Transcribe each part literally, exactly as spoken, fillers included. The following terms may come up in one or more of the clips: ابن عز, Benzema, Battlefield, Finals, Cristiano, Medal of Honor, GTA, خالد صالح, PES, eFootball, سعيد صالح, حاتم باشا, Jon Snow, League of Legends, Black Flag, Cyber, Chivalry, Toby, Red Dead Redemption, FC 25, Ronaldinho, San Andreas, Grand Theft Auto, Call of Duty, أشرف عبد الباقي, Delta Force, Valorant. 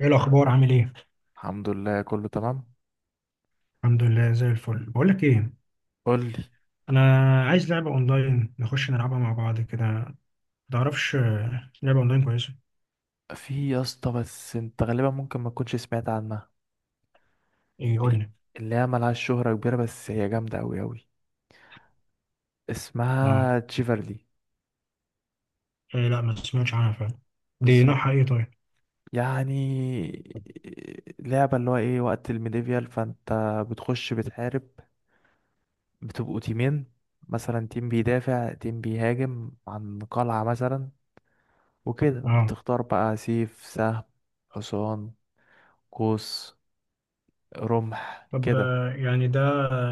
ايه الاخبار؟ عامل ايه؟ الحمد لله كله تمام. الحمد لله، زي الفل. بقول لك ايه؟ قول لي. انا عايز لعبه اونلاين نخش نلعبها مع بعض كده، ما تعرفش آه، لعبه اونلاين كويسه؟ في يا اسطى بس انت غالبا ممكن ما تكونش سمعت عنها. ايه؟ قول إيه؟ لي. اللي هي ملهاش شهرة كبيرة بس هي جامدة أوي أوي. اه. اسمها تشيفرلي. إيه؟ لا، ما سمعتش عنها فعلا. دي بالظبط. نوعها ايه؟ طيب. يعني لعبة اللي هو ايه وقت الميديفيال فانت، بتخش بتحارب، بتبقوا تيمين، مثلا تيم بيدافع تيم بيهاجم عن قلعة مثلا. وكده اه. بتختار بقى سيف، سهم، حصان، قوس، رمح طب، كده. آه، يعني ده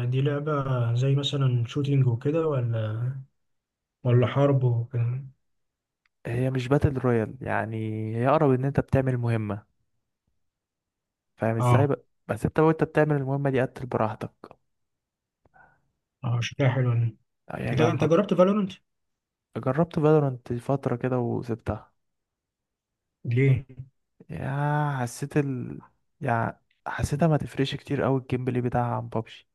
دي لعبه زي مثلا شوتينج وكده، ولا ولا حرب وكده؟ هي مش باتل رويال يعني، هي اقرب ان انت بتعمل مهمة. فاهم ازاي اه. بقى، بس انت وانت بتعمل المهمة دي قتل براحتك. اه، شكلها حلو يعني. لا، هي انت انت جامدة. جربت فالورنت؟ جربت فالورانت فترة كده وسبتها. ليه؟ يا حسيت ال يعني حسيتها ما تفرقش كتير قوي الجيم بلاي بتاعها عن بابجي.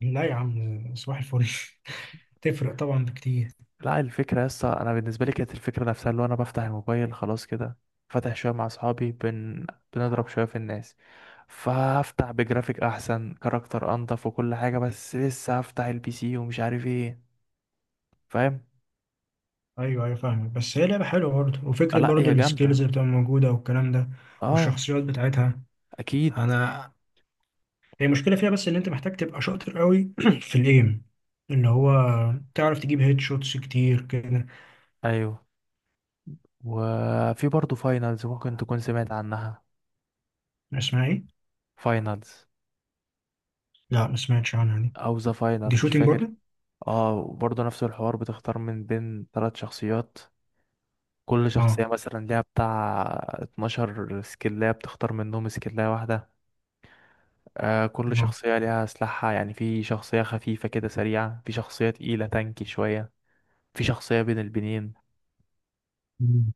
لا يا عم، صباح الفل. تفرق طبعا بكتير. لا الفكرة يسطا، انا بالنسبة لي كانت الفكرة نفسها اللي هو انا بفتح الموبايل خلاص كده، فاتح شوية مع اصحابي بن... بنضرب شوية في الناس. فهفتح بجرافيك احسن، كاركتر انضف، وكل حاجة، بس لسه هفتح البي سي ومش عارف ايه. فاهم. ايوه، ايوه، فاهمك، بس هي لعبه حلوه برضه، آه، وفكره لا برضه هي جامدة. السكيلز اللي بتبقى موجوده والكلام ده اه. والشخصيات بتاعتها. اكيد. انا، هي المشكله فيها بس ان انت محتاج تبقى شاطر قوي في الايم، اللي هو تعرف تجيب هيد شوتس كتير كده. ايوه. وفي برضه فاينلز ممكن تكون سمعت عنها. اسمها ايه؟ فاينلز، لا، ما سمعتش عنها دي. او ذا دي فاينل مش شوتنج فاكر. برضه. اه وبرضه نفس الحوار، بتختار من بين ثلاث شخصيات، كل اه. شخصية مثلا ليها بتاع اتناشر سكلاية، بتختار منهم سكلاية واحدة. آه كل اه. شخصية ليها سلاحها، يعني في شخصية خفيفة كده سريعة، في شخصية تقيلة تانكي شوية، في شخصية بين البنين. مم.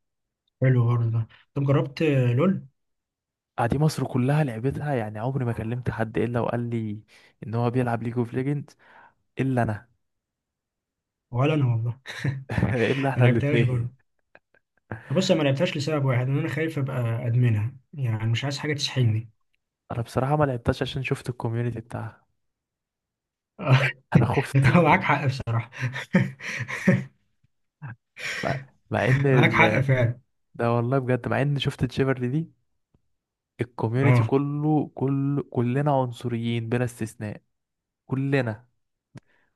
حلو برضه ده. طب جربت؟ لول. آه، دي مصر كلها لعبتها يعني، عمري ما كلمت حد الا وقال لي ان هو بيلعب ليج اوف ليجند الا انا. ولا انا والله. الا ما احنا لعبتهاش برضه. الاثنين. بص، انا ما لعبتهاش لسبب واحد، ان انا خايف ابقى ادمنها، يعني مش عايز حاجه تسحلني. انا بصراحه ما لعبتش عشان شفت الكوميونتي بتاعها. آه. انا خفت. هو معاك حق بصراحة. مع مع ان معاك حق ال... فعلا. ده والله بجد مع ان شفت تشيفرلي دي، الكوميونتي اه، كله، كل كلنا عنصريين بلا استثناء، كلنا،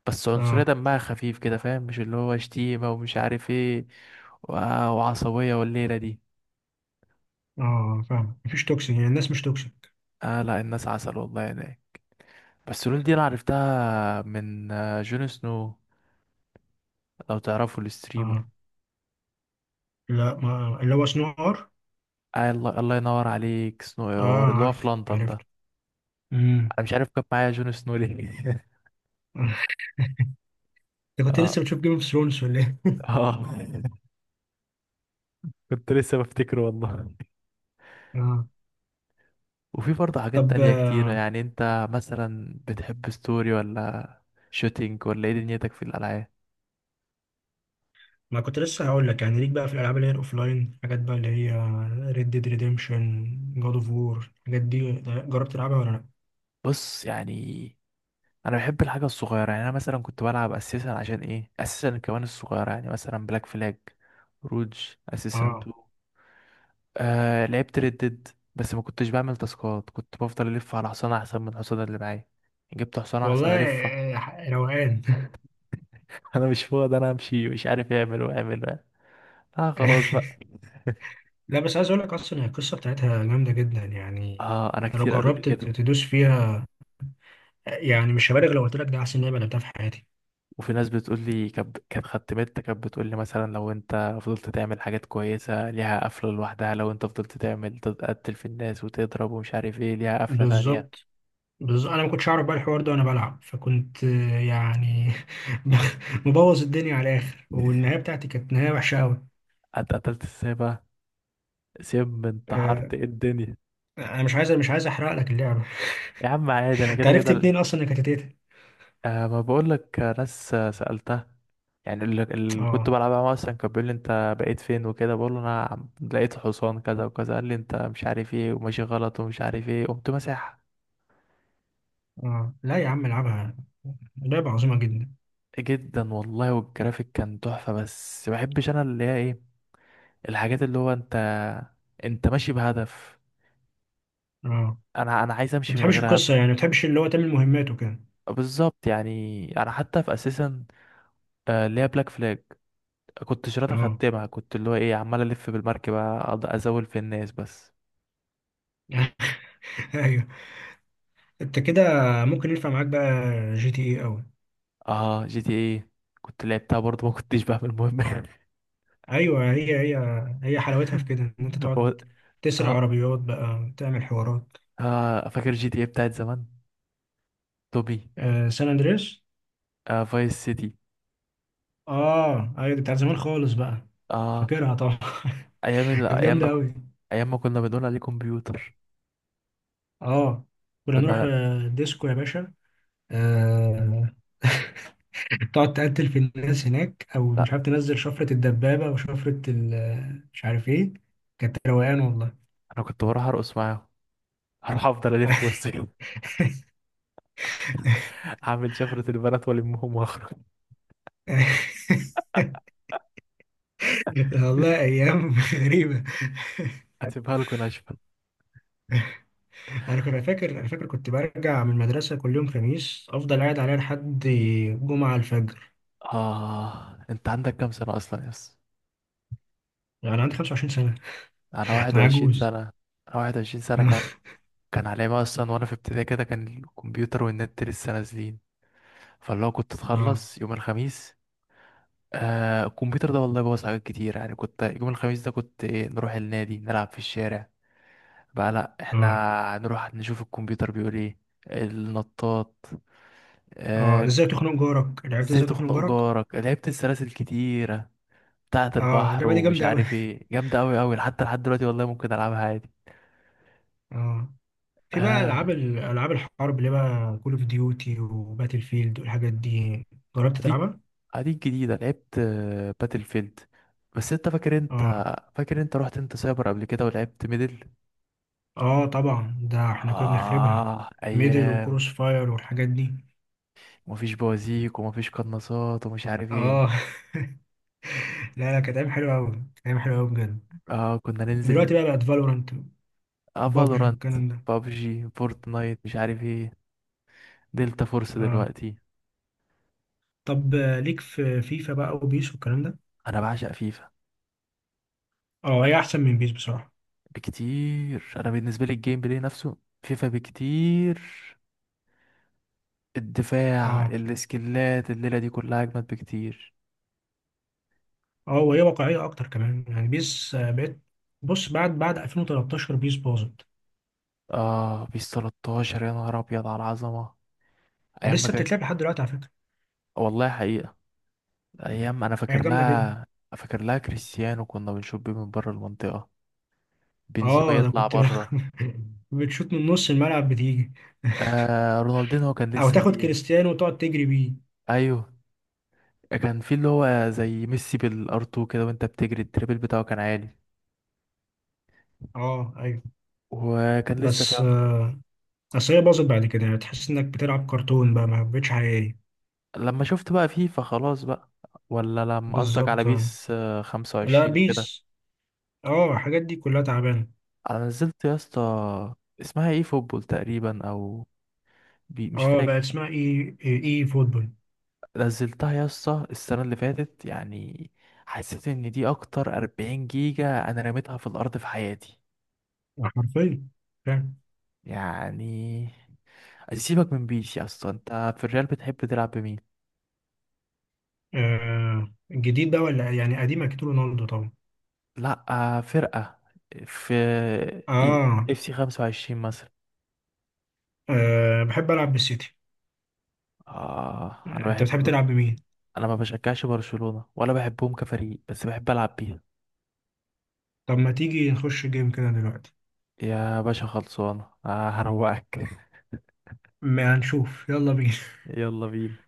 بس عنصرية اه، دمها خفيف كده فاهم، مش اللي هو شتيمة ومش عارف ايه و- وعصبية والليلة دي. اه، فاهم، مفيش توكسيك يعني، الناس مش توكسيك. اه لا الناس عسل والله هناك. بس لول دي انا عرفتها من آه، جون سنو، لو تعرفوا الستريمر. اه لا، ما اللي هو صناعة عار. آه الله، الله ينور عليك، سنو اير اه، اللي هو في عارف، لندن ده. عرفت. امم انا مش عارف كان معايا جون سنو ليه. انت كنت اه. لسه بتشوف جيم اوف ثرونز ولا ايه؟ اه كنت لسه بفتكره والله. اه. وفي برضه حاجات طب، تانية كتيرة، آه، يعني انت مثلا بتحب ستوري ولا شوتينج ولا ايه دنيتك في الالعاب؟ ما كنت لسه هقول لك، يعني ليك بقى في الالعاب اللي هي الاوفلاين، حاجات بقى اللي هي ريد ديد ريديمشن، جاد اوف وور، الحاجات دي جربت تلعبها ولا لا؟ بص يعني، انا بحب الحاجة الصغيرة، يعني انا مثلا كنت بلعب اساسا عشان ايه، اساسا كمان الصغيرة، يعني مثلا بلاك فلاج، روج، اساسا اه اتنين. آه لعبت ردد بس ما كنتش بعمل تاسكات، كنت بفضل الف على حصان احسن من الحصان اللي معايا، جبت حصان احسن والله، الفه. آه، روقان. انا مش فاضي، انا امشي مش عارف اعمل واعمل وأعمل. اه خلاص بقى. لا، بس عايز اقول لك، اصلا هي القصه بتاعتها جامده جدا يعني. اه انا أنا لو كتير قالوا لي جربت كده. ت- تدوس فيها، يعني مش هبالغ لو قلت لك ده احسن لعبه لعبتها في حياتي. وفي ناس بتقول لي، كانت كانت خدمتها كانت بتقول لي مثلا لو انت فضلت تعمل حاجات كويسه ليها قفله لوحدها، لو انت فضلت تعمل تقتل في الناس وتضرب ومش عارف ايه ليها قفله تانية. بالظبط، بالظبط. انا ما كنتش اعرف بقى الحوار ده وانا بلعب، فكنت آه، يعني مبوظ الدنيا على الاخر، والنهايه بتاعتي كانت نهايه وحشه قوي. اتقتلت ازاي بقى؟ سم، آه، انتحرت، ايه الدنيا؟ انا مش عايز مش عايز احرق لك اللعبه. يا عم عادي انا انت كده عرفت كده. منين اصلا انك هتتقتل؟ أه ما بقولك، آه، ناس آه، سألتها. يعني اللي اللي كنت اه، بلعبها معاه أصلا كان بيقول لي أنت بقيت فين وكده، بقول له أنا عم- لقيت حصان كذا وكذا، قال لي أنت مش عارف إيه وماشي غلط ومش عارف إيه، قمت مساحة. اه، لا يا عم، العبها. لعبه عظيمه جدا. جدا والله، والجرافيك كان تحفة، بس ما بحبش أنا اللي هي إيه، الحاجات اللي هو أنت أنت ماشي بهدف، اه، أنا أنا عايز ما أمشي من بتحبش غير هدف. القصه يعني، ما بتحبش اللي هو تعمل مهمات وكده. بالظبط يعني، أنا حتى في أساسا آه، اللي هي بلاك فلاج، كنت شرطة اه. خدتمها، كنت اللي هو إيه عمال ألف بالمركبة أقعد أزول في الناس بس. ايوه، انت كده ممكن ينفع معاك بقى جي تي اي قوي. اه جي تي ايه كنت لعبتها برضه، ما كنتش بقى المهم. ايوه، هي هي. هي حلاوتها في كده، ان انت تقعد هو، تسرق اه. عربيات بقى تعمل حوارات. اه فاكر جي تي ايه بتاعت زمان، توبي، آه، سان اندريس. آه فايس سيتي. اه، ايوه، دي بتاعت زمان خالص بقى. اه فاكرها طبعا. ايام ال... كانت ايام ما جامده قوي. ايام ما كنا بنقول عليه كمبيوتر. اه، كنا كنا نروح لا, آه، ديسكو يا باشا. آه. تقعد تقتل في الناس هناك، او مش لا. عارف تنزل شفره الدبابه وشفره ال- مش عارف ايه. كانت روقان والله. انا كنت بروح ارقص معاهم. هروح افضل الف وسط. اعمل شفرة البنات والمهم واخرج. والله ايام غريبه. هسيبها لكم ناشفة. انا كنت فاكر انا فاكر كنت برجع من المدرسه كل يوم خميس، افضل قاعد عليها لحد جمعه الفجر. اه انت عندك كام سنة اصلا يس؟ يعني عندي خمسة وعشرين سنه. انا انا واحد وعشرين سنة عجوز. انا. واحد وعشرين سنة. كان كان عليا بقى اصلا وانا في ابتدائي كده، كان الكمبيوتر والنت لسه نازلين، فاللي هو كنت اه، اتخلص يوم الخميس. آه الكمبيوتر ده والله بوظ حاجات كتير، يعني كنت يوم الخميس ده كنت إيه نروح النادي نلعب في الشارع، بقى لا احنا اه، هنروح نشوف الكمبيوتر بيقول ايه. النطاط. اه، آه. ازاي تخنق جارك، لعبت ازاي ازاي تخنق تخنق جارك. جارك لعبت، السلاسل كتيرة بتاعة اه، البحر اللعبه دي ومش جامده قوي. عارف ايه، جامدة اوي اوي حتى لحد دلوقتي، والله ممكن العبها عادي. اه. في بقى آه. العاب ال- العاب الحرب اللي بقى كول اوف ديوتي وباتل فيلد والحاجات دي، جربت اديك تلعبها؟ اديك جديدة، لعبت آه، باتل فيلد. بس انت فاكر، انت اه، فاكر انت رحت انت سايبر قبل كده ولعبت ميدل. اه، طبعا، ده احنا كنا بنخربها. اه ميدل ايام. وكروس فاير والحاجات دي. ومفيش بوازيك ومفيش قناصات ومش عارف اه. ايه. لا، لا، كانت ايام حلوه قوي، كانت ايام حلوه قوي بجد. اه كنا دلوقتي ننزل. بقى بقت فالورانت اه وبابجي فالورانت، والكلام ده. بابجي، فورتنايت، مش عارف ايه، دلتا فورس اه. دلوقتي. طب، آه، ليك في فيفا بقى وبيس والكلام ده. انا بعشق فيفا اه، هي احسن من بيس بصراحه. بكتير. انا بالنسبة لي الجيم بلاي نفسه فيفا بكتير، الدفاع، اه، السكيلات، الليلة دي كلها اجمد بكتير. اه، وهي واقعيه اكتر كمان، يعني بيس آه، بقت. بص، بعد بعد ألفين وتلتاشر بيس باظت. اه بيس تلتاشر يا نهار ابيض على العظمه. ايام ما لسه كان، بتتلعب لحد دلوقتي على فكره. والله حقيقه، ايام انا هي فاكر جامده جدا. لها، فاكر لها كريستيانو كنا بنشوف بيه من بره المنطقه، بنزيما اه، انا يطلع كنت. بره، بتشوت من نص الملعب بتيجي. آه رونالدينو كان او لسه تاخد فيه. كريستيانو وتقعد تجري بيه. ايوه كان في اللي هو زي ميسي بالارتو كده، وانت بتجري التريبل بتاعه كان عالي، اه، ايوه. وكان لسه بس، فيه. آه، اصل هي باظت بعد كده، يعني تحس انك بتلعب كرتون بقى، ما بقتش حقيقية. لما شفت بقى فيفا خلاص بقى، ولا لما قصدك على بالظبط. آه. بيس آه، لا، خمسة وعشرين وكده. بيس، اه، الحاجات دي كلها تعبانة. انا نزلت يا اسطى، اسمها ايه، فوتبول تقريبا او بي مش اه، بقى فاكر. اسمها ايه ايه إيه فوتبول. نزلتها يا اسطى السنة اللي فاتت يعني، حسيت ان دي اكتر أربعين جيجا انا رميتها في الارض في حياتي آه، حرفيا، فاهم. يعني. سيبك من بيس يا اسطى، انت في الريال بتحب تلعب بمين؟ آه، الجديد بقى ولا يعني قديم؟ اكيد رونالدو طبعا. لا آه، فرقة، في آه. اف سي خمس وعشرين مثلا. اه، بحب العب بالسيتي. اه انا آه، انت بتحب بحب. تلعب بمين؟ انا ما بشجعش برشلونة ولا بحبهم كفريق، بس بحب العب بيها. طب، ما تيجي نخش جيم كده دلوقتي؟ يا باشا خلصانة آه هروقك. ما هنشوف، يلا بينا. يلا بينا.